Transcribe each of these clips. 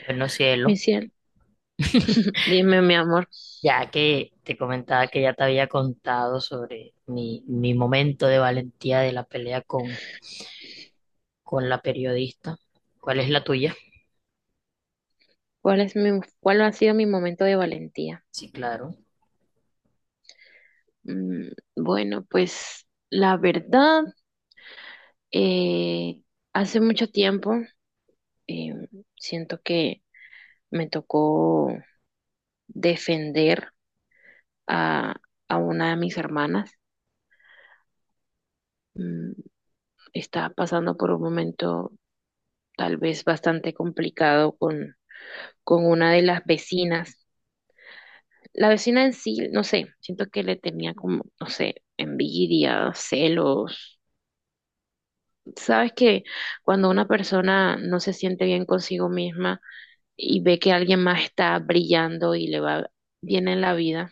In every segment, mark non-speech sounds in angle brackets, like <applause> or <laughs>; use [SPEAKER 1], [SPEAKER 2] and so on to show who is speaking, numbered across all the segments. [SPEAKER 1] Bueno,
[SPEAKER 2] Mi
[SPEAKER 1] cielo,
[SPEAKER 2] cielo,
[SPEAKER 1] <laughs>
[SPEAKER 2] dime, mi amor,
[SPEAKER 1] ya que te comentaba que ya te había contado sobre mi momento de valentía de la pelea con la periodista, ¿cuál es la tuya?
[SPEAKER 2] ¿cuál es mi, cuál ha sido mi momento de valentía?
[SPEAKER 1] Sí, claro,
[SPEAKER 2] Mm, bueno, pues la verdad, eh, hace mucho tiempo eh, siento que me tocó defender a, a una de mis hermanas. Mm, está pasando por un momento tal vez bastante complicado con una de las vecinas. La vecina en sí, no sé, siento que le tenía como, no sé, envidia, celos. Sabes que cuando una persona no se siente bien consigo misma y ve que alguien más está brillando y le va bien en la vida,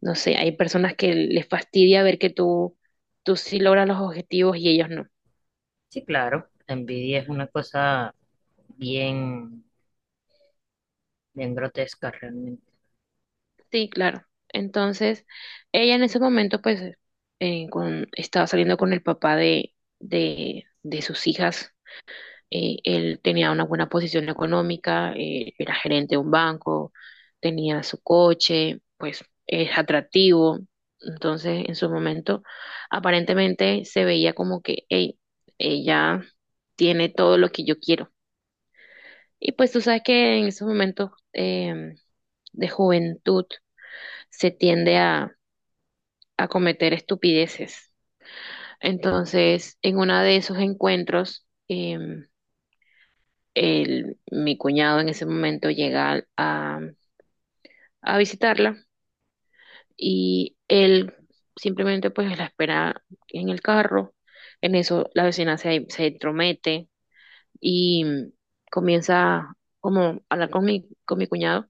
[SPEAKER 2] no sé, hay personas que les fastidia ver que tú sí logras los objetivos y ellos no.
[SPEAKER 1] sí, claro. La envidia es una cosa bien, bien grotesca realmente.
[SPEAKER 2] Sí, claro. Entonces, ella en ese momento, pues, estaba saliendo con el papá de sus hijas. Él tenía una buena posición económica, era gerente de un banco, tenía su coche, pues es atractivo. Entonces, en su momento, aparentemente se veía como que, hey, ella tiene todo lo que yo quiero. Y pues tú sabes que en esos momentos de juventud se tiende a cometer estupideces. Entonces, en uno de esos encuentros, mi cuñado en ese momento llega a visitarla y él simplemente pues la espera en el carro. En eso la vecina se entromete y comienza como a hablar con mi cuñado,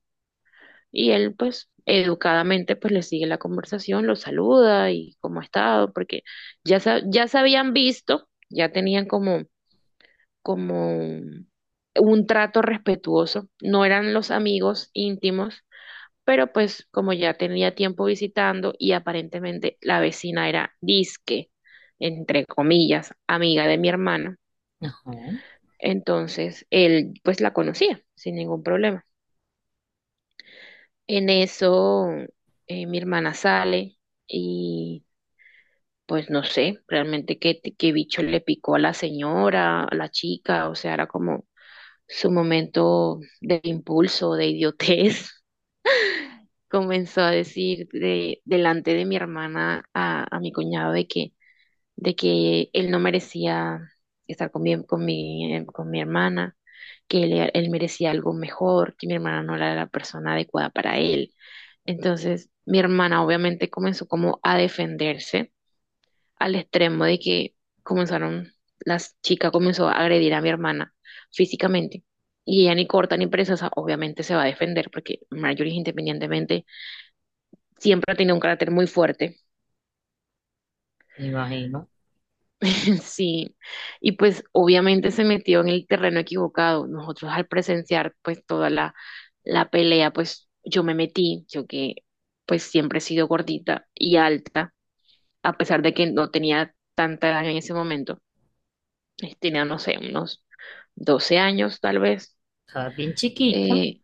[SPEAKER 2] y él pues educadamente pues le sigue la conversación, lo saluda y cómo ha estado, porque ya, ya se habían visto, ya tenían como como un trato respetuoso. No eran los amigos íntimos, pero pues como ya tenía tiempo visitando y aparentemente la vecina era disque, entre comillas, amiga de mi hermana,
[SPEAKER 1] Ajá, me
[SPEAKER 2] entonces él pues la conocía sin ningún problema. En eso mi hermana sale y pues no sé realmente qué bicho le picó a la señora, a la chica, o sea, era como su momento de impulso, de idiotez, <laughs> comenzó a decir delante de mi hermana a mi cuñado de que él no merecía estar con mi hermana, que él merecía algo mejor, que mi hermana no era la persona adecuada para él. Entonces, mi hermana obviamente comenzó como a defenderse al extremo de que comenzaron, las chicas comenzó a agredir a mi hermana físicamente. Y ella ni corta ni preciosa, obviamente se va a defender, porque Marjorie, independientemente, siempre ha tenido un carácter muy fuerte.
[SPEAKER 1] imagino.
[SPEAKER 2] <laughs> Sí. Y pues obviamente se metió en el terreno equivocado. Nosotros al presenciar pues toda la pelea, pues yo me metí, yo que pues siempre he sido gordita y alta, a pesar de que no tenía tanta edad en ese momento. Eh, tenía, no sé, unos 12 años tal vez.
[SPEAKER 1] Estaba bien chiquita.
[SPEAKER 2] Eh,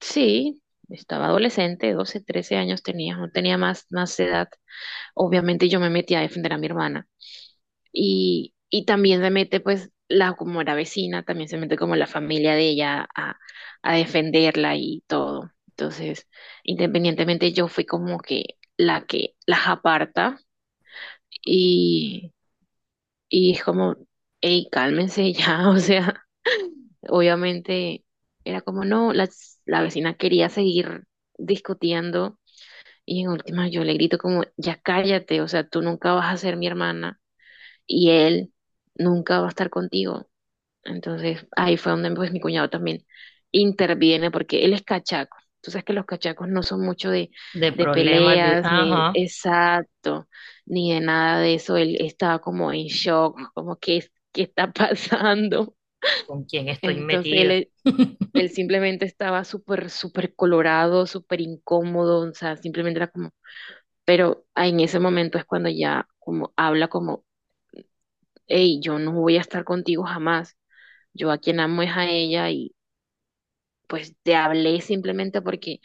[SPEAKER 2] sí, estaba adolescente, 12 13 años tenía, no tenía más, más edad. Obviamente yo me metí a defender a mi hermana y también se mete pues la, como era vecina, también se mete como la familia de ella a defenderla y todo. Entonces, independientemente yo fui como que la que las aparta y, y es como, hey, cálmense ya, <laughs> o sea, obviamente era como no, la vecina quería seguir discutiendo, y en última yo le grito como, ya cállate, o sea, tú nunca vas a ser mi hermana y él nunca va a estar contigo. Entonces ahí fue donde pues mi cuñado también interviene porque él es cachaco. Tú sabes que los cachacos no son mucho
[SPEAKER 1] De
[SPEAKER 2] de
[SPEAKER 1] problemas de,
[SPEAKER 2] peleas, ni
[SPEAKER 1] ajá,
[SPEAKER 2] exacto, ni de nada de eso. Él estaba como en shock, como que qué está <laughs> pasando.
[SPEAKER 1] ¿con quién estoy
[SPEAKER 2] Entonces
[SPEAKER 1] metida? <laughs>
[SPEAKER 2] él simplemente estaba súper, súper colorado, súper incómodo, o sea, simplemente era como, pero en ese momento es cuando ya como habla como, hey, yo no voy a estar contigo jamás, yo a quien amo es a ella, y pues te hablé simplemente porque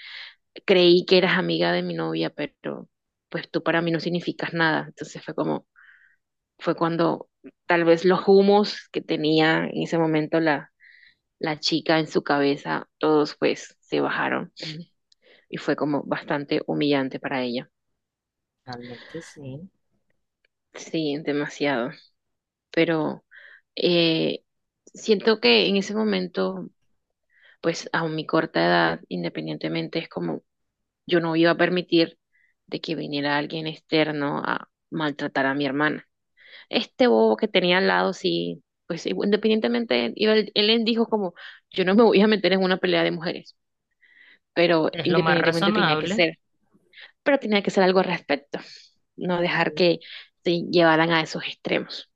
[SPEAKER 2] creí que eras amiga de mi novia, pero pues tú para mí no significas nada. Entonces fue cuando tal vez los humos que tenía en ese momento la chica en su cabeza, todos pues se bajaron, y fue como bastante humillante para ella.
[SPEAKER 1] Realmente sí,
[SPEAKER 2] Sí, demasiado. Pero eh, siento que en ese momento, pues a mi corta edad, independientemente, es como yo no iba a permitir de que viniera alguien externo a maltratar a mi hermana. Este bobo que tenía al lado, sí, pues independientemente, iba él dijo como, yo no me voy a meter en una pelea de mujeres, pero
[SPEAKER 1] es lo más
[SPEAKER 2] independientemente tenía que
[SPEAKER 1] razonable.
[SPEAKER 2] ser. Pero tenía que hacer algo al respecto, no dejar
[SPEAKER 1] Sí.
[SPEAKER 2] que se llevaran a esos extremos.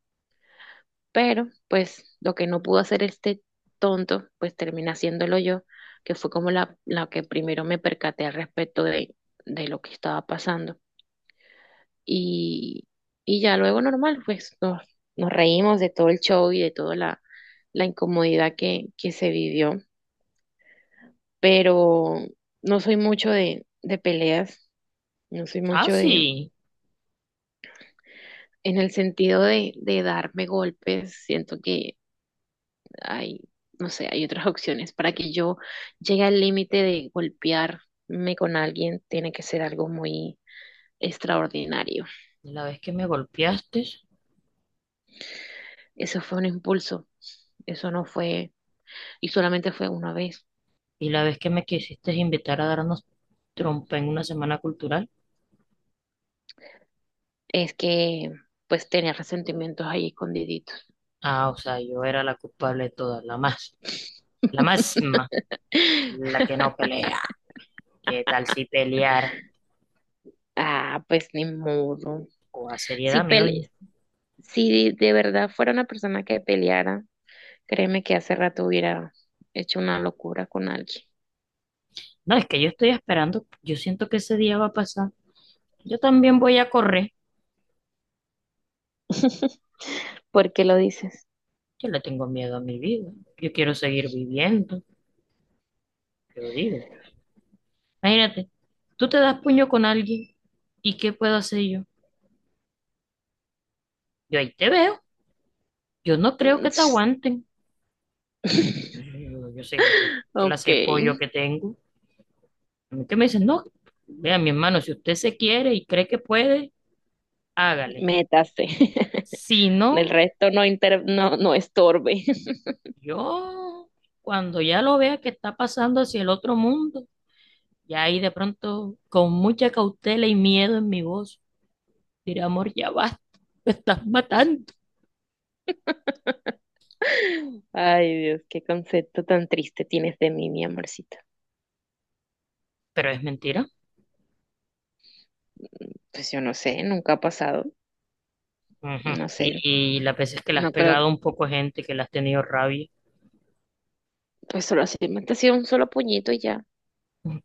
[SPEAKER 2] Pero, pues, lo que no pudo hacer este tonto, pues termina haciéndolo yo, que fue como la que primero me percaté al respecto de lo que estaba pasando. Y, y ya luego normal, nos reímos de todo el show y de toda la incomodidad que se vivió, pero no soy mucho de peleas, no soy
[SPEAKER 1] Ah,
[SPEAKER 2] mucho de,
[SPEAKER 1] sí.
[SPEAKER 2] en el sentido de darme golpes. Siento que hay, no sé, hay otras opciones. Para que yo llegue al límite de golpearme con alguien, tiene que ser algo muy extraordinario.
[SPEAKER 1] La vez que me golpeaste
[SPEAKER 2] Eso fue un impulso, eso no fue, y solamente fue una vez.
[SPEAKER 1] y la vez que me quisiste invitar a darnos trompa en una semana cultural.
[SPEAKER 2] Es que pues tenía resentimientos ahí escondiditos.
[SPEAKER 1] Ah, o sea, yo era la culpable de todas, la más, la máxima, la que no
[SPEAKER 2] <laughs>
[SPEAKER 1] pelea. ¿Qué tal si peleara?
[SPEAKER 2] Ah, pues ni modo.
[SPEAKER 1] O a
[SPEAKER 2] Si
[SPEAKER 1] seriedad, mi
[SPEAKER 2] pele,
[SPEAKER 1] doña.
[SPEAKER 2] si de verdad fuera una persona que peleara, créeme que hace rato hubiera hecho una locura con alguien.
[SPEAKER 1] No, es que yo estoy esperando, yo siento que ese día va a pasar. Yo también voy a correr.
[SPEAKER 2] <laughs> ¿Por qué lo dices?
[SPEAKER 1] Yo le tengo miedo a mi vida. Yo quiero seguir viviendo, yo digo. Imagínate, tú te das puño con alguien y ¿qué puedo hacer yo? Yo ahí te veo. Yo no creo
[SPEAKER 2] Mm.
[SPEAKER 1] que te aguanten.
[SPEAKER 2] <laughs>
[SPEAKER 1] Yo sé qué
[SPEAKER 2] Ok,
[SPEAKER 1] clase de pollo que tengo. A mí que me dicen, no, vea, mi hermano, si usted se quiere y cree que puede, hágale.
[SPEAKER 2] métase. <laughs>
[SPEAKER 1] Si
[SPEAKER 2] Del
[SPEAKER 1] no,
[SPEAKER 2] resto no, inter no, no estorbe.
[SPEAKER 1] yo, cuando ya lo vea que está pasando hacia el otro mundo, ya ahí de pronto, con mucha cautela y miedo en mi voz, diré, amor, ya basta, me estás matando.
[SPEAKER 2] <laughs> Ay, Dios, qué concepto tan triste tienes de mí, mi amorcito.
[SPEAKER 1] Pero es mentira.
[SPEAKER 2] Pues yo no sé, nunca ha pasado.
[SPEAKER 1] Ujú.
[SPEAKER 2] No sé,
[SPEAKER 1] Y las veces que le has
[SPEAKER 2] no creo que...
[SPEAKER 1] pegado un poco a gente, que le has tenido rabia,
[SPEAKER 2] Pues solo así, me ha sido un solo puñito y ya.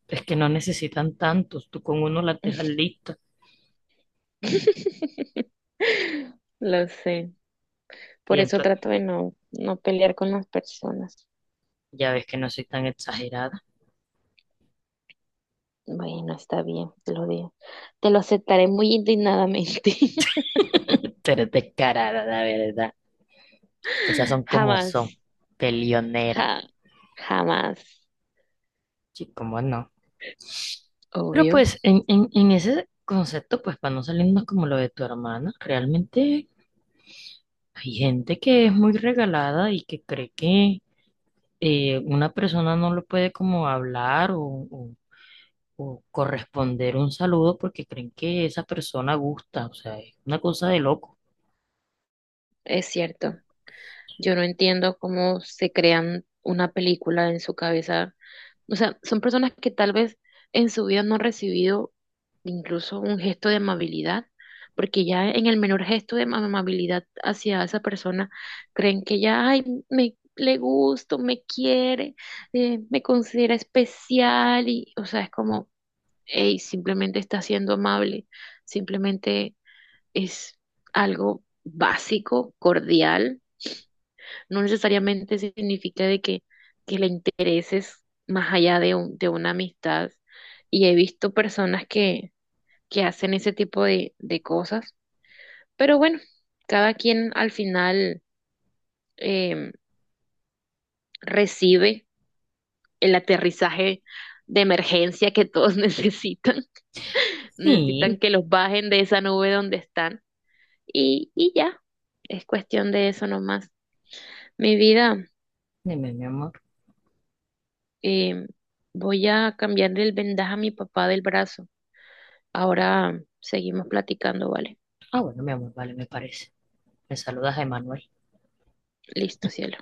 [SPEAKER 1] es que no necesitan tantos, tú con uno las dejas listas.
[SPEAKER 2] <laughs> Lo sé.
[SPEAKER 1] Y
[SPEAKER 2] Por eso
[SPEAKER 1] ento-
[SPEAKER 2] trato de no, no pelear con las personas.
[SPEAKER 1] Ya ves que no soy tan exagerada,
[SPEAKER 2] Bueno, está bien, te lo digo. Te lo aceptaré muy indignadamente.
[SPEAKER 1] pero descarada, la verdad. Las cosas son
[SPEAKER 2] <laughs>
[SPEAKER 1] como son,
[SPEAKER 2] Jamás,
[SPEAKER 1] peleonera.
[SPEAKER 2] ja- jamás.
[SPEAKER 1] Sí, cómo no. Pero
[SPEAKER 2] Obvio.
[SPEAKER 1] pues en ese concepto, pues para no salirnos como lo de tu hermana, realmente hay gente que es muy regalada y que cree que una persona no lo puede como hablar o- o corresponder un saludo porque creen que esa persona gusta. O sea, es una cosa de loco.
[SPEAKER 2] Es cierto. Yo no entiendo cómo se crean una película en su cabeza. O sea, son personas que tal vez en su vida no han recibido incluso un gesto de amabilidad, porque ya en el menor gesto de amabilidad hacia esa persona creen que ya, ay, me le gusto, me quiere, me considera especial y, o sea, es como, hey, simplemente está siendo amable, simplemente es algo básico, cordial, no necesariamente significa que le intereses más allá de, de una amistad. Y he visto personas que hacen ese tipo de cosas. Pero bueno, cada quien al final em, recibe el aterrizaje de emergencia que todos <laughs> necesitan. Necesitan
[SPEAKER 1] Sí,
[SPEAKER 2] que los bajen de esa nube donde están. Y ya, es cuestión de eso nomás. Mi vida,
[SPEAKER 1] dime, mi amor.
[SPEAKER 2] em, voy a cambiarle el vendaje a mi papá del brazo. Ahora seguimos platicando, ¿vale?
[SPEAKER 1] Ah, bueno, mi amor, vale, me parece. Me saludas Emanuel.
[SPEAKER 2] Listo, cielo.